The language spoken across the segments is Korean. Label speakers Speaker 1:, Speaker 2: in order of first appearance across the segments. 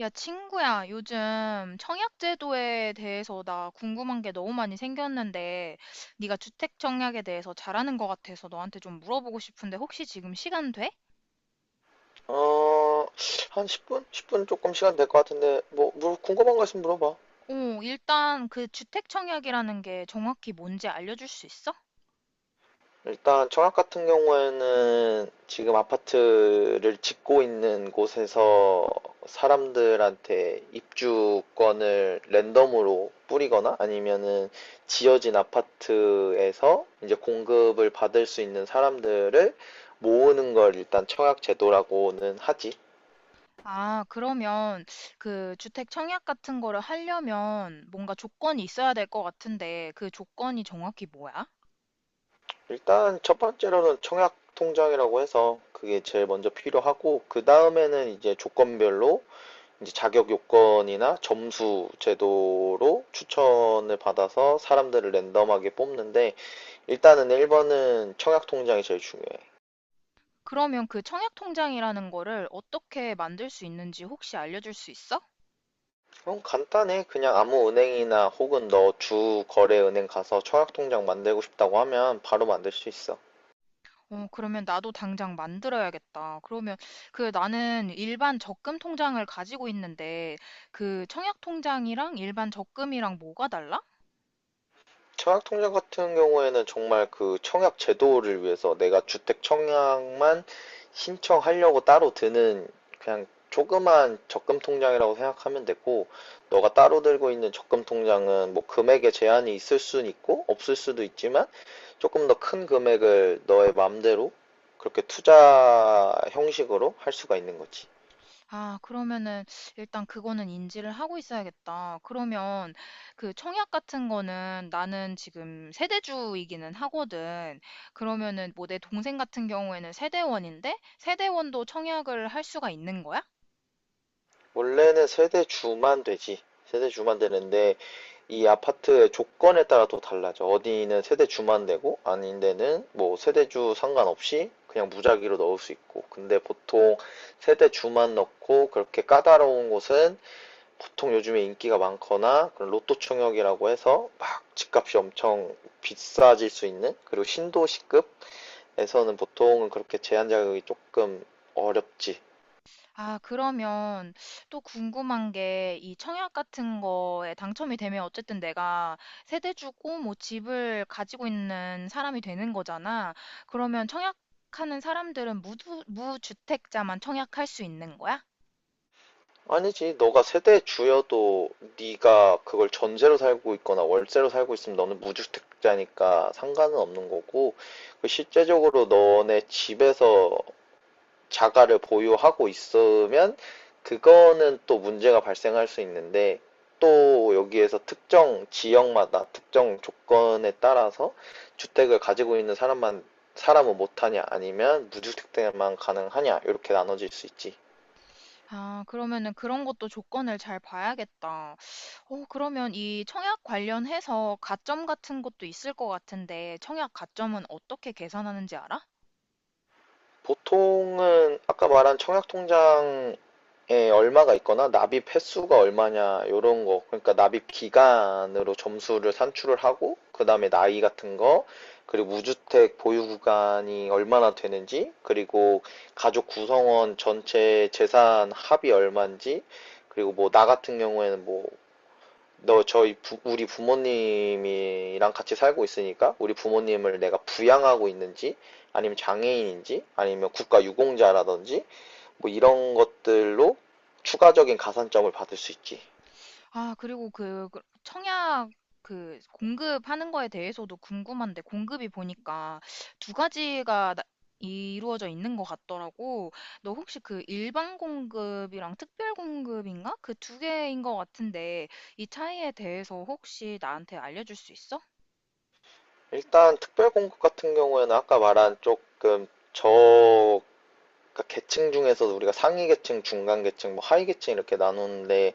Speaker 1: 야, 친구야, 요즘 청약 제도에 대해서 나 궁금한 게 너무 많이 생겼는데, 네가 주택 청약에 대해서 잘하는 것 같아서 너한테 좀 물어보고 싶은데, 혹시 지금 시간 돼?
Speaker 2: 어, 한 10분? 10분 조금 시간 될 것 같은데, 뭐, 궁금한 거 있으면 물어봐.
Speaker 1: 어, 일단 그 주택 청약이라는 게 정확히 뭔지 알려줄 수 있어?
Speaker 2: 일단, 청약 같은 경우에는 지금 아파트를 짓고 있는 곳에서 사람들한테 입주권을 랜덤으로 뿌리거나 아니면은 지어진 아파트에서 이제 공급을 받을 수 있는 사람들을 모으는 걸 일단 청약 제도라고는 하지.
Speaker 1: 아, 그러면 그 주택 청약 같은 거를 하려면 뭔가 조건이 있어야 될 것 같은데, 그 조건이 정확히 뭐야?
Speaker 2: 일단 첫 번째로는 청약 통장이라고 해서 그게 제일 먼저 필요하고, 그 다음에는 이제 조건별로 이제 자격 요건이나 점수 제도로 추천을 받아서 사람들을 랜덤하게 뽑는데, 일단은 1번은 청약 통장이 제일 중요해.
Speaker 1: 그러면 그 청약 통장이라는 거를 어떻게 만들 수 있는지 혹시 알려줄 수 있어?
Speaker 2: 그럼 간단해. 그냥 아무 은행이나 혹은 너 주 거래 은행 가서 청약 통장 만들고 싶다고 하면 바로 만들 수 있어.
Speaker 1: 어, 그러면 나도 당장 만들어야겠다. 그러면 그 나는 일반 적금 통장을 가지고 있는데 그 청약 통장이랑 일반 적금이랑 뭐가 달라?
Speaker 2: 청약통장 같은 경우에는 정말 그 청약 제도를 위해서 내가 주택 청약만 신청하려고 따로 드는 그냥 조그만 적금 통장이라고 생각하면 되고, 너가 따로 들고 있는 적금 통장은 뭐 금액에 제한이 있을 수 있고, 없을 수도 있지만, 조금 더 큰 금액을 너의 마음대로 그렇게 투자 형식으로 할 수가 있는 거지.
Speaker 1: 아, 그러면은 일단 그거는 인지를 하고 있어야겠다. 그러면 그 청약 같은 거는 나는 지금 세대주이기는 하거든. 그러면은 뭐 내 동생 같은 경우에는 세대원인데 세대원도 청약을 할 수가 있는 거야?
Speaker 2: 원래는 세대 주만 되지. 세대 주만 되는데, 이 아파트의 조건에 따라 또 달라져. 어디는 세대 주만 되고, 아닌 데는 뭐 세대 주 상관없이 그냥 무작위로 넣을 수 있고. 근데 보통 세대 주만 넣고 그렇게 까다로운 곳은, 보통 요즘에 인기가 많거나 그런 로또 총역이라고 해서 막 집값이 엄청 비싸질 수 있는, 그리고 신도시급에서는 보통은 그렇게 제한 자격이 조금 어렵지.
Speaker 1: 아, 그러면 또 궁금한 게 이 청약 같은 거에 당첨이 되면 어쨌든 내가 세대 주고 뭐 집을 가지고 있는 사람이 되는 거잖아. 그러면 청약하는 사람들은 무주택자만 청약할 수 있는 거야?
Speaker 2: 아니지, 너가 세대 주여도 네가 그걸 전세로 살고 있거나 월세로 살고 있으면 너는 무주택자니까 상관은 없는 거고, 그 실제적으로 너네 집에서 자가를 보유하고 있으면 그거는 또 문제가 발생할 수 있는데, 또 여기에서 특정 지역마다 특정 조건에 따라서 주택을 가지고 있는 사람만, 사람은 못하냐 아니면 무주택자만 가능하냐 이렇게 나눠질 수 있지.
Speaker 1: 아, 그러면은 그런 것도 조건을 잘 봐야겠다. 어, 그러면 이 청약 관련해서 가점 같은 것도 있을 것 같은데 청약 가점은 어떻게 계산하는지 알아?
Speaker 2: 보통은 아까 말한 청약통장에 얼마가 있거나 납입 횟수가 얼마냐 이런거, 그러니까 납입 기간으로 점수를 산출을 하고, 그다음에 나이 같은 거, 그리고 무주택 보유 구간이 얼마나 되는지, 그리고 가족 구성원 전체 재산 합이 얼마인지, 그리고 뭐 나 같은 경우에는 뭐 너 우리 부모님이랑 같이 살고 있으니까 우리 부모님을 내가 부양하고 있는지, 아니면 장애인인지, 아니면 국가 유공자라든지 뭐 이런 것들로 추가적인 가산점을 받을 수 있지.
Speaker 1: 아, 그리고 그 청약 그 공급하는 거에 대해서도 궁금한데, 공급이 보니까 두 가지가 이루어져 있는 것 같더라고. 너 혹시 그 일반 공급이랑 특별 공급인가? 그 두 개인 것 같은데, 이 차이에 대해서 혹시 나한테 알려줄 수 있어?
Speaker 2: 일단 특별 공급 같은 경우에는 아까 말한 조금 저 그러니까 계층 중에서도 우리가 상위 계층, 중간 계층, 뭐 하위 계층 이렇게 나누는데,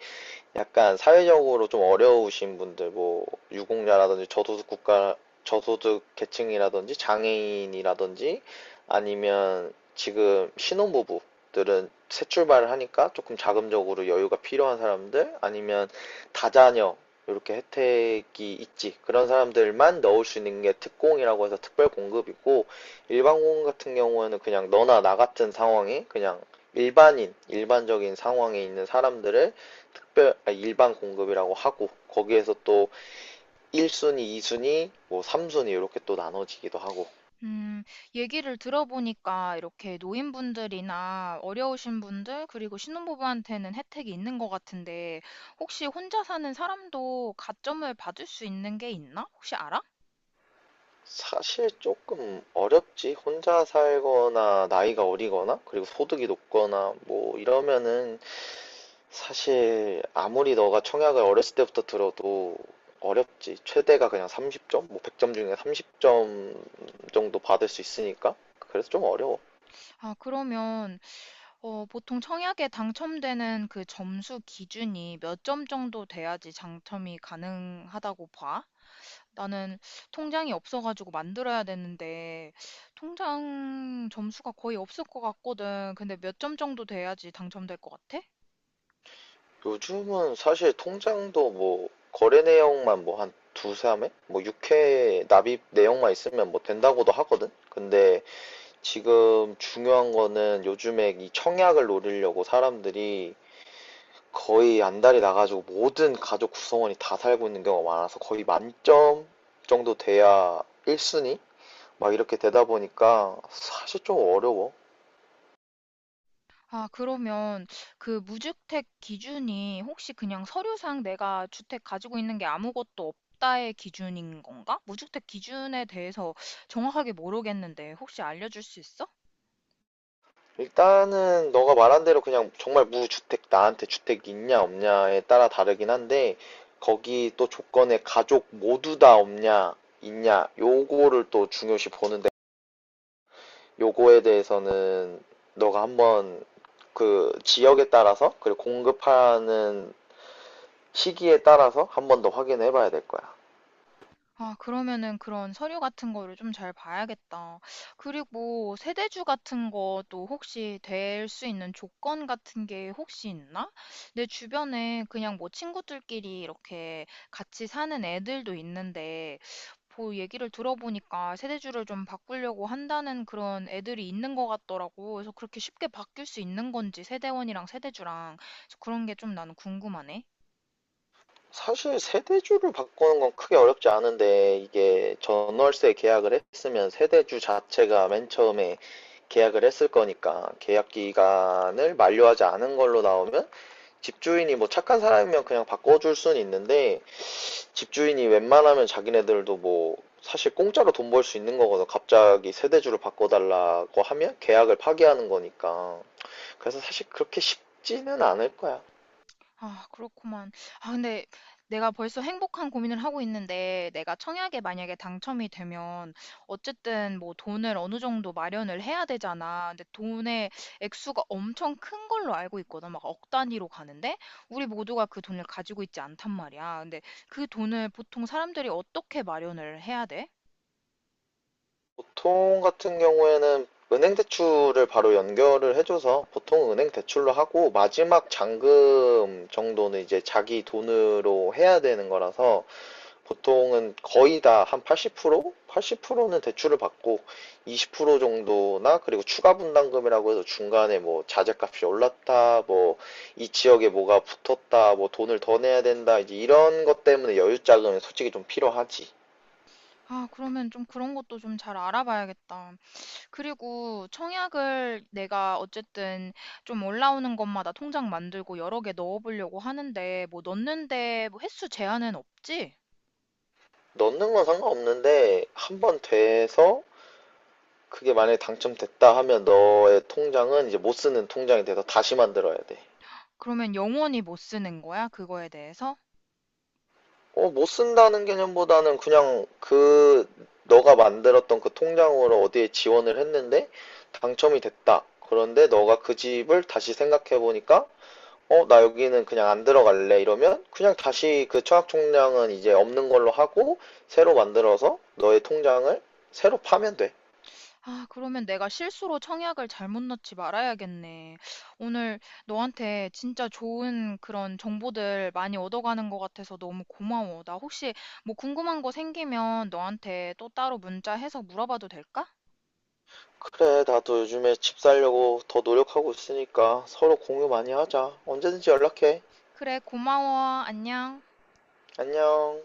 Speaker 2: 약간 사회적으로 좀 어려우신 분들, 뭐 유공자라든지 저소득 국가, 저소득 계층이라든지 장애인이라든지, 아니면 지금 신혼부부들은 새 출발을 하니까 조금 자금적으로 여유가 필요한 사람들, 아니면 다자녀, 이렇게 혜택이 있지. 그런 사람들만 넣을 수 있는 게 특공이라고 해서 특별 공급이고, 일반 공급 같은 경우에는 그냥 너나 나 같은 상황에, 그냥 일반인, 일반적인 상황에 있는 사람들을 일반 공급이라고 하고, 거기에서 또 1순위, 2순위, 뭐 3순위 이렇게 또 나눠지기도 하고.
Speaker 1: 음, 얘기를 들어보니까 이렇게 노인분들이나 어려우신 분들, 그리고 신혼부부한테는 혜택이 있는 것 같은데, 혹시 혼자 사는 사람도 가점을 받을 수 있는 게 있나? 혹시 알아?
Speaker 2: 사실 조금 어렵지. 혼자 살거나 나이가 어리거나 그리고 소득이 높거나 뭐 이러면은 사실 아무리 너가 청약을 어렸을 때부터 들어도 어렵지. 최대가 그냥 30점, 뭐 100점 중에 30점 정도 받을 수 있으니까. 그래서 좀 어려워.
Speaker 1: 아, 그러면, 어, 보통 청약에 당첨되는 그 점수 기준이 몇 점 정도 돼야지 당첨이 가능하다고 봐? 나는 통장이 없어가지고 만들어야 되는데, 통장 점수가 거의 없을 것 같거든. 근데 몇 점 정도
Speaker 2: 요즘은 사실 통장도 뭐 거래 내역만 뭐 한 두세 회? 뭐 6회 납입 내역만 있으면 뭐 된다고도 하거든? 근데 지금 중요한 거는, 요즘에 이 청약을 노리려고 사람들이 거의 안달이 나가지고 모든 가족 구성원이 다 살고 있는 경우가 많아서 거의 만점 정도 돼야 1순위? 막 이렇게 되다 보니까 사실 좀 어려워.
Speaker 1: 아, 그러면 그 무주택 기준이 혹시 그냥 서류상 내가 주택 가지고 있는 게 아무것도 없다의 기준인 건가? 무주택 기준에 대해서 정확하게 모르겠는데 혹시 알려줄 수 있어?
Speaker 2: 일단은 너가 말한 대로 그냥 정말 무주택, 나한테 주택 있냐 없냐에 따라 다르긴 한데, 거기 또 조건에 가족 모두 다 없냐 있냐 요거를 또 중요시 보는데, 요거에 대해서는 너가 한번 그 지역에 따라서, 그리고 공급하는 시기에 따라서 한번 더 확인해 봐야 될 거야.
Speaker 1: 아, 그러면은 그런 서류 같은 거를 좀 잘 봐야겠다. 그리고 세대주 같은 것도 혹시 될 수 있는 조건 같은 게 혹시 있나? 내 주변에 그냥 뭐 친구들끼리 이렇게 같이 사는 애들도 있는데, 뭐 얘기를 들어보니까 세대주를 좀 바꾸려고 한다는 그런 애들이 있는 것 같더라고. 그래서 그렇게 쉽게 바뀔 수 있는 건지 세대원이랑 세대주랑. 그래서 그런 게 좀 나는 궁금하네.
Speaker 2: 사실 세대주를 바꾸는 건 크게 어렵지 않은데, 이게 전월세 계약을 했으면 세대주 자체가 맨 처음에 계약을 했을 거니까, 계약 기간을 만료하지 않은 걸로 나오면 집주인이 뭐 착한 사람이면 그냥 바꿔줄 수는 있는데, 집주인이 웬만하면 자기네들도 뭐 사실 공짜로 돈 벌 수 있는 거거든. 갑자기 세대주를 바꿔달라고 하면 계약을 파기하는 거니까. 그래서 사실 그렇게 쉽지는 않을 거야.
Speaker 1: 아, 그렇구만. 아, 근데 내가 벌써 행복한 고민을 하고 있는데, 내가 청약에 만약에 당첨이 되면, 어쨌든 뭐 돈을 어느 정도 마련을 해야 되잖아. 근데 돈의 액수가 엄청 큰 걸로 알고 있거든. 막 억 단위로 가는데, 우리 모두가 그 돈을 가지고 있지 않단 말이야. 근데 그 돈을 보통 사람들이 어떻게 마련을 해야 돼?
Speaker 2: 보통 같은 경우에는 은행 대출을 바로 연결을 해줘서, 보통 은행 대출로 하고 마지막 잔금 정도는 이제 자기 돈으로 해야 되는 거라서 보통은 거의 다 한 80%? 80%는 대출을 받고 20% 정도나, 그리고 추가 분담금이라고 해서 중간에 뭐 자재값이 올랐다, 뭐 이 지역에 뭐가 붙었다, 뭐 돈을 더 내야 된다, 이제 이런 것 때문에 여유 자금이 솔직히 좀 필요하지.
Speaker 1: 아, 그러면 좀 그런 것도 좀 잘 알아봐야겠다. 그리고 청약을 내가 어쨌든 좀 올라오는 것마다 통장 만들고 여러 개 넣어보려고 하는데, 뭐 넣는데 뭐 횟수 제한은 없.
Speaker 2: 넣는 건 상관없는데, 한번 돼서 그게 만약에 당첨됐다 하면 너의 통장은 이제 못 쓰는 통장이 돼서 다시 만들어야 돼.
Speaker 1: 그러면 영원히 못 쓰는 거야? 그거에 대해서?
Speaker 2: 어, 못 쓴다는 개념보다는 그냥 그 너가 만들었던 그 통장으로 어디에 지원을 했는데 당첨이 됐다. 그런데 너가 그 집을 다시 생각해 보니까 어, 나 여기는 그냥 안 들어갈래 이러면, 그냥 다시 그 청약통장은 이제 없는 걸로 하고 새로 만들어서 너의 통장을 새로 파면 돼.
Speaker 1: 아, 그러면 내가 실수로 청약을 잘못 넣지 말아야겠네. 오늘 너한테 진짜 좋은 그런 정보들 많이 얻어가는 것 같아서 너무 고마워. 나 혹시 뭐 궁금한 거 생기면 너한테 또 따로 문자해서 물어봐도 될까?
Speaker 2: 그래, 나도 요즘에 집 살려고 더 노력하고 있으니까 서로 공유 많이 하자. 언제든지 연락해.
Speaker 1: 그래, 고마워. 안녕.
Speaker 2: 안녕.